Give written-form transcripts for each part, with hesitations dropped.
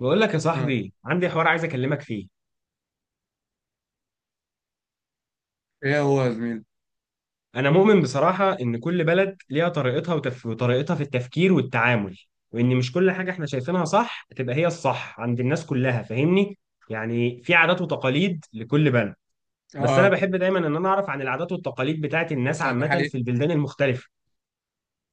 بقول لك يا آه. صاحبي، عندي حوار عايز اكلمك فيه. ايه هو يا زميلي؟ انا مؤمن بصراحة ان كل بلد ليها طريقتها وطريقتها في التفكير والتعامل، وان مش كل حاجة احنا شايفينها صح تبقى هي الصح عند الناس كلها. فاهمني؟ يعني في عادات وتقاليد لكل بلد. بس انا اه، بحب دايما ان انا اعرف عن العادات والتقاليد بتاعت الناس صح دي عامة حقيقة. في البلدان المختلفة.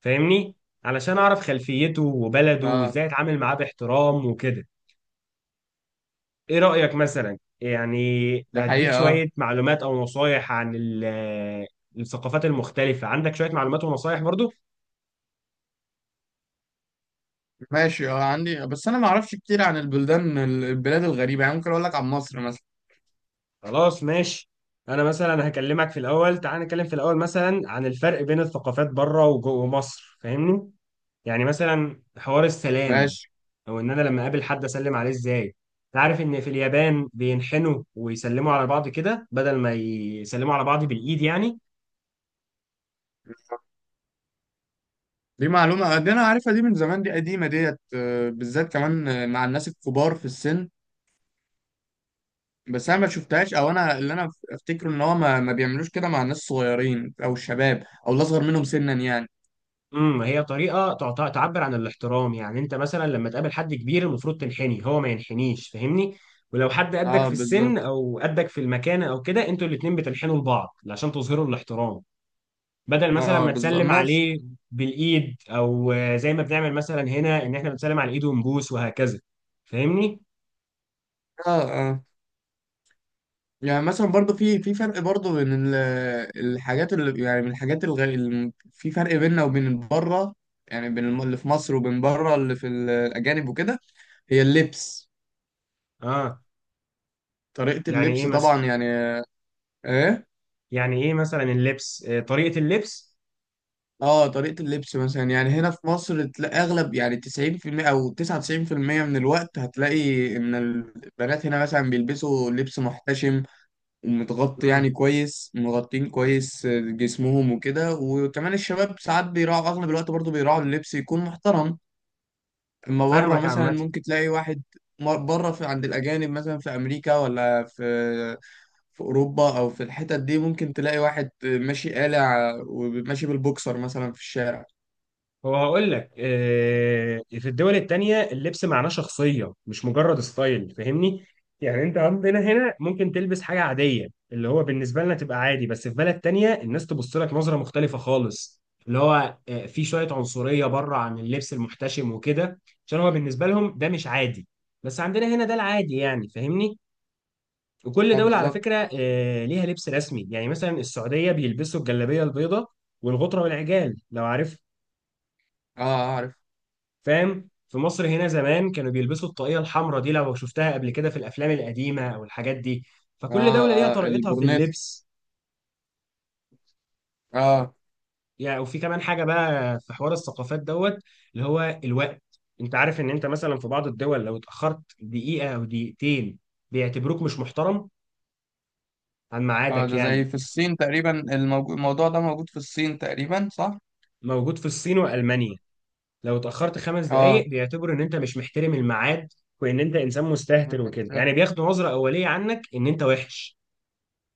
فاهمني؟ علشان اعرف خلفيته وبلده اه، وازاي اتعامل معاه باحترام وكده. ايه رأيك مثلا يعني ده اديك حقيقة. اه شوية معلومات او نصايح عن الثقافات المختلفة؟ عندك شوية معلومات ونصايح برضو؟ ماشي، اه عندي، بس انا ما اعرفش كتير عن البلدان، الغريبة يعني. ممكن اقول لك عن مصر مثلا. خلاص ماشي. انا مثلا هكلمك في الاول، تعال نتكلم في الاول مثلا عن الفرق بين الثقافات بره وجوه مصر. فاهمني؟ يعني مثلا حوار السلام، ماشي، او ان انا لما اقابل حد اسلم عليه ازاي. تعرف ان في اليابان بينحنوا ويسلموا على بعض كده بدل ما يسلموا على بعض بالايد يعني. دي معلومة، دي انا عارفها، دي من زمان، دي قديمة ديت، آه، بالذات كمان آه، مع الناس الكبار في السن. بس انا ما شفتهاش، او انا اللي انا افتكره ان هو ما بيعملوش كده مع الناس الصغيرين او الشباب او الاصغر منهم سنا يعني. هي طريقه تعبر عن الاحترام. يعني انت مثلا لما تقابل حد كبير المفروض تنحني، هو ما ينحنيش. فاهمني؟ ولو حد قدك اه في السن بالظبط. او قدك في المكانه او كده، انتوا الاتنين بتنحنوا لبعض عشان تظهروا الاحترام، بدل مثلا اه ما بالظبط تسلم ماشي. عليه بالايد. او زي ما بنعمل مثلا هنا ان احنا بنسلم على الايد ونبوس وهكذا. فاهمني؟ اه. يعني مثلا برضو في فرق برضو بين الحاجات اللي يعني، من الحاجات اللي في فرق بيننا وبين بره، يعني بين اللي في مصر وبين بره، اللي في الأجانب وكده، هي اللبس. اه. طريقة يعني ايه اللبس مثلا؟ طبعا يعني. ايه، يعني ايه مثلا اللبس طريقه اللبس؟ اه، طريقة اللبس مثلا، يعني هنا في مصر تلاقي اغلب، يعني 90% او 99% من الوقت هتلاقي ان البنات هنا مثلا بيلبسوا لبس محتشم، متغطي امم يعني كويس، مغطين كويس آه، جسمهم وكده، وكمان الشباب ساعات بيراعوا اغلب الوقت، برضو بيراعوا اللبس يكون محترم. اما بره فاهمك مثلا عامه. ممكن تلاقي واحد، بره في عند الاجانب مثلا في امريكا ولا في في اوروبا او في الحتت دي، ممكن تلاقي واحد ماشي قالع وماشي بالبوكسر مثلا في الشارع. هو هقول لك، في الدول التانية اللبس معناه شخصية مش مجرد ستايل. فاهمني؟ يعني انت عندنا هنا ممكن تلبس حاجة عادية اللي هو بالنسبة لنا تبقى عادي، بس في بلد تانية الناس تبص لك نظرة مختلفة خالص، اللي هو في شوية عنصرية بره عن اللبس المحتشم وكده، عشان هو بالنسبة لهم ده مش عادي، بس عندنا هنا ده العادي يعني. فاهمني؟ وكل اه دولة على بالظبط. فكرة ليها لبس رسمي. يعني مثلا السعودية بيلبسوا الجلابية البيضاء والغطرة والعجال، لو عارف. اه آه، عارف. فاهم؟ في مصر هنا زمان كانوا بيلبسوا الطاقية الحمراء دي، لو شفتها قبل كده في الأفلام القديمة أو الحاجات دي. اه. فكل دولة ليها اه طريقتها في البورنيت. اللبس. اه. يعني وفي كمان حاجة بقى في حوار الثقافات دوت، اللي هو الوقت. أنت عارف إن أنت مثلا في بعض الدول لو اتأخرت دقيقة أو دقيقتين بيعتبروك مش محترم عن اه ميعادك ده يعني. زي في الصين تقريبا، الموضوع ده موجود في الصين تقريبا، صح. موجود في الصين وألمانيا، لو اتأخرت خمس اه. دقايق بيعتبروا إن أنت مش محترم الميعاد وإن أنت إنسان مستهتر وكده. يعني بياخدوا نظرة أولية عنك إن أنت وحش.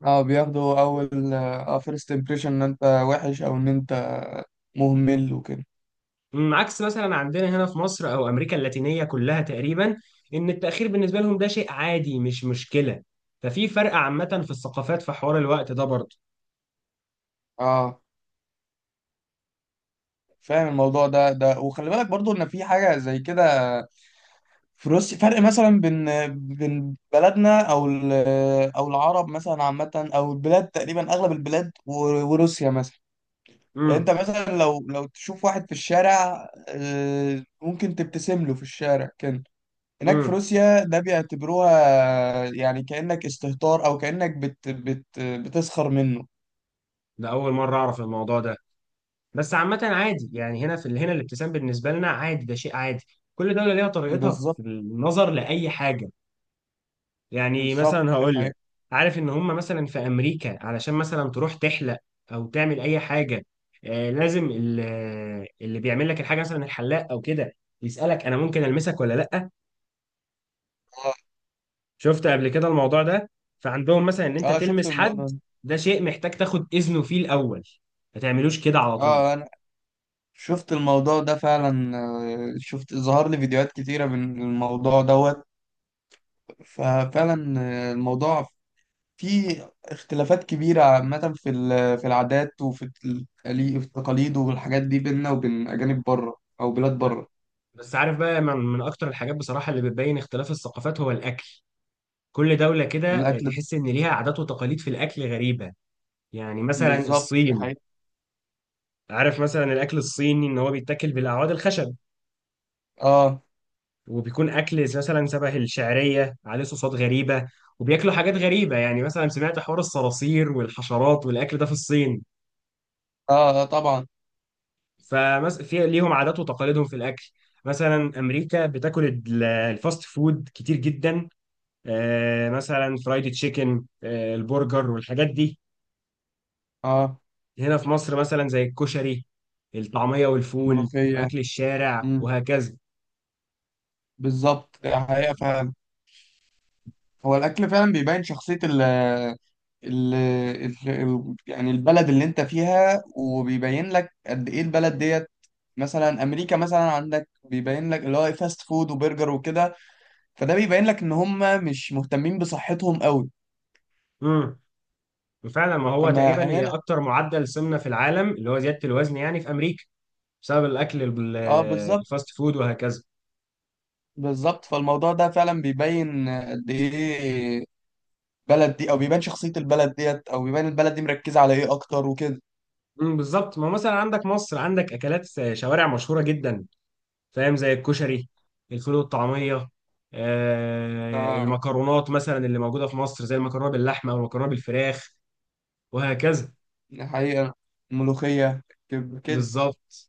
اه بياخدوا اول اه فيرست امبريشن ان انت وحش، او ان انت مهمل وكده. عكس مثلا عندنا هنا في مصر او امريكا اللاتينيه كلها تقريبا، ان التاخير بالنسبه لهم ده شيء عادي مش مشكله. ففي فرق عامه في الثقافات في حوار الوقت ده برضه. اه. فاهم الموضوع ده، ده وخلي بالك برضو ان في حاجه زي كده في روسيا. فرق مثلا بين بين بلدنا او او العرب مثلا عامه، او البلاد تقريبا اغلب البلاد، وروسيا مثلا. يعني انت امم مثلا لو تشوف واحد في الشارع آه، ممكن تبتسم له في الشارع كده، هناك في امم روسيا ده بيعتبروها يعني كأنك استهتار، او كأنك بت بتسخر منه. ده اول مره اعرف الموضوع ده. بس عامه عادي يعني، هنا في هنا الابتسام بالنسبه لنا عادي، ده شيء عادي. كل دوله ليها طريقتها بالظبط. في النظر لاي حاجه. يعني بالظبط مثلا هقول لك، حقيقة. عارف ان هم مثلا في امريكا علشان مثلا تروح تحلق او تعمل اي حاجه آه لازم ال- آه، اللي بيعمل لك الحاجه مثلا الحلاق او كده يسالك انا ممكن المسك ولا لا. اه شفت قبل كده الموضوع ده؟ فعندهم مثلا ان انت آه، شفت تلمس الموضوع حد ده. ده شيء محتاج تاخد اذنه فيه الاول، ما تعملوش كده على طول. اه انا شفت الموضوع ده فعلا آه، شفت ظهر لي فيديوهات كتيرة من الموضوع دوت، ففعلا آه، الموضوع فيه اختلافات كبيرة عامة في في العادات، وفي في التقاليد والحاجات دي، بيننا وبين أجانب بره أو بلاد ب- بره. بس عارف بقى من اكتر الحاجات بصراحه اللي بتبين اختلاف الثقافات هو الاكل. كل دوله كده الأكل. تحس ان ليها عادات وتقاليد في الاكل غريبه. يعني مثلا بالظبط الصين، حقيقي. عارف مثلا الاكل الصيني ان هو بيتاكل بالاعواد الخشب اه. وبيكون اكل مثلا شبه الشعريه عليه صوصات غريبه، وبياكلوا حاجات غريبه. يعني مثلا سمعت حوار الصراصير والحشرات والاكل ده في الصين. اه آه، طبعا. فمس في ليهم عادات وتقاليدهم في الاكل. مثلا امريكا بتاكل الفاست فود كتير جدا. مثلا فرايد تشيكن البرجر والحاجات دي. اه. هنا في مصر مثلا زي الكشري، الطعميه والفول الملوخية. واكل الشارع امم. وهكذا. بالظبط ده حقيقة فعلا. هو الأكل فعلا بيبين شخصية ال يعني البلد اللي انت فيها، وبيبين لك قد ايه البلد ديت. مثلا امريكا مثلا، عندك بيبين لك اللي هو فاست فود وبرجر وكده، فده بيبين لك ان هم مش مهتمين بصحتهم قوي. مم. فعلا ما هو اما تقريبا هي هنا، اكتر معدل سمنه في العالم، اللي هو زياده الوزن يعني في امريكا، بسبب الاكل اه بالظبط. الفاست فود وهكذا. بالظبط، فالموضوع ده فعلا بيبين قد ايه البلد دي، او بيبان شخصية البلد ديت، او بيبان البلد دي مركزة على ايه اكتر وكده. بالظبط. ما مثلا عندك مصر، عندك اكلات شوارع مشهوره جدا. فاهم؟ زي الكشري، الفول والطعميه، ف- المكرونات مثلا اللي موجوده في مصر زي المكرونه باللحمه او المكرونه بالفراخ وهكذا. حقيقة. الملوخية. كده. بالظبط.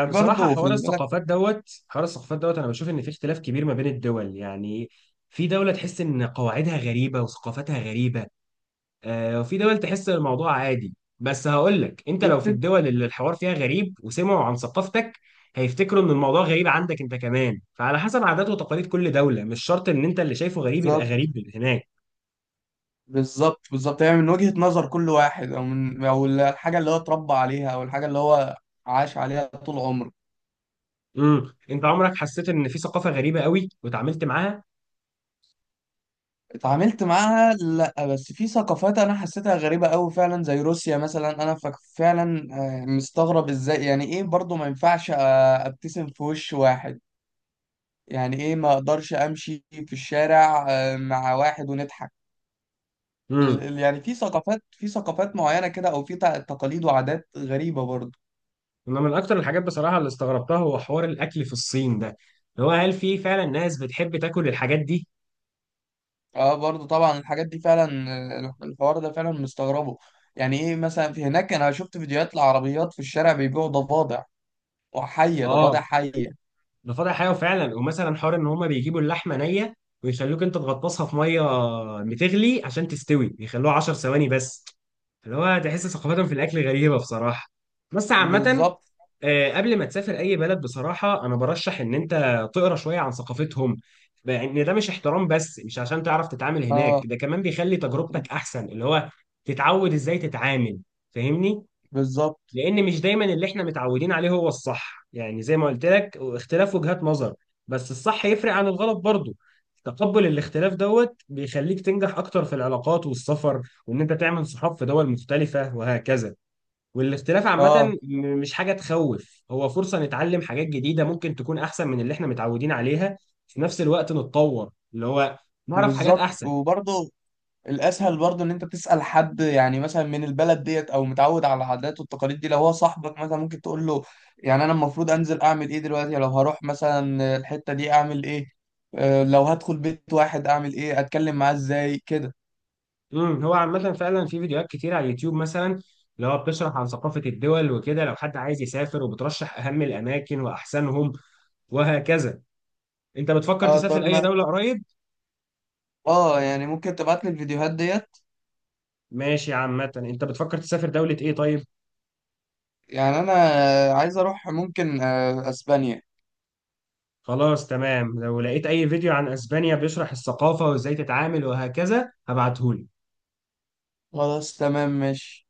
في برضه حوار خلي بالك، الثقافات دوت، حوار الثقافات دوت، أنا بشوف إن في اختلاف كبير ما بين الدول يعني. في دولة تحس إن قواعدها غريبة وثقافتها غريبة، وفي دول تحس إن الموضوع عادي. بس هقول لك، أنت دي لو في بتبقى الدول اللي الحوار فيها غريب وسمعوا عن ثقافتك هيفتكروا إن الموضوع غريب عندك أنت كمان. فعلى حسب عادات وتقاليد كل دولة، مش شرط إن أنت اللي شايفه غريب يبقى بالظبط. غريب هناك. بالظبط بالظبط، يعني من وجهة نظر كل واحد، او من، او الحاجة اللي هو اتربى عليها، او الحاجة اللي هو عاش عليها طول عمره. أنت عمرك حسيت إن في ثقافة غريبة قوي وتعاملت معاها؟ اتعاملت معاها لا، بس في ثقافات انا حسيتها غريبة قوي فعلا، زي روسيا مثلا انا فعلا آه، مستغرب ازاي، يعني ايه برضه ما ينفعش آه، ابتسم في وش واحد، يعني ايه ما اقدرش امشي في الشارع آه، مع واحد ونضحك. يعني في ثقافات، في ثقافات معينة كده، او في تقاليد وعادات غريبة برضه. انا من اكتر الحاجات بصراحه اللي استغربتها هو حوار الاكل في الصين ده، اللي هو هل في فعلا ناس بتحب تاكل الحاجات دي. اه برضه طبعا الحاجات دي فعلا آه، الحوار ده فعلا مستغربه. يعني ايه مثلا، في هناك انا شفت فيديوهات لعربيات في الشارع بيبيعوا ضفادع، وحية، ضفادع اه حية. ده فاضح حاجه فعلا. ومثلا حوار ان هما بيجيبوا اللحمه نيه ويخلوك انت تغطسها في ميه بتغلي عشان تستوي، بيخلوها 10 ثواني بس، اللي هو تحس ثقافتهم في الاكل غريبه بصراحه. بس عامه بالظبط. قبل ما تسافر اي بلد بصراحه انا برشح ان انت تقرا شويه عن ثقافتهم. لان ده مش احترام بس، مش عشان تعرف تتعامل هناك، اه ده كمان بيخلي تجربتك احسن. اللي هو تتعود ازاي تتعامل. فاهمني؟ بالظبط. لان مش دايما اللي احنا متعودين عليه هو الصح. يعني زي ما قلت لك، اختلاف وجهات نظر، بس الصح يفرق عن الغلط برضه. تقبل الاختلاف دوت بيخليك تنجح اكتر في العلاقات والسفر، وان انت تعمل صحاب في دول مختلفه وهكذا. والاختلاف اه عامة مش حاجة تخوف، هو فرصة نتعلم حاجات جديدة ممكن تكون أحسن من اللي احنا متعودين عليها، في نفس الوقت نتطور. اللي هو نعرف حاجات بالظبط أحسن. وبرضه الاسهل برضو ان انت تسال حد، يعني مثلا من البلد ديت او متعود على العادات والتقاليد دي، لو هو صاحبك مثلا ممكن تقول له يعني انا المفروض انزل اعمل ايه دلوقتي، لو هروح مثلا الحته دي اعمل ايه، آه، لو هدخل بيت واحد اعمل ايه، اتكلم معاه ازاي كده. هو عامة فعلا في فيديوهات كتير على اليوتيوب مثلا، اللي هو بتشرح عن ثقافة الدول وكده لو حد عايز يسافر، وبترشح أهم الأماكن وأحسنهم وهكذا. أنت بتفكر اه تسافر طب أي ما، دولة قريب؟ اه يعني ممكن تبعت لي الفيديوهات ديت. ماشي. عامة أنت بتفكر تسافر دولة إيه طيب؟ يعني انا عايز اروح ممكن آه، اسبانيا. خلاص تمام، لو لقيت أي فيديو عن أسبانيا بيشرح الثقافة وإزاي تتعامل وهكذا هبعتهولك. خلاص تمام ماشي.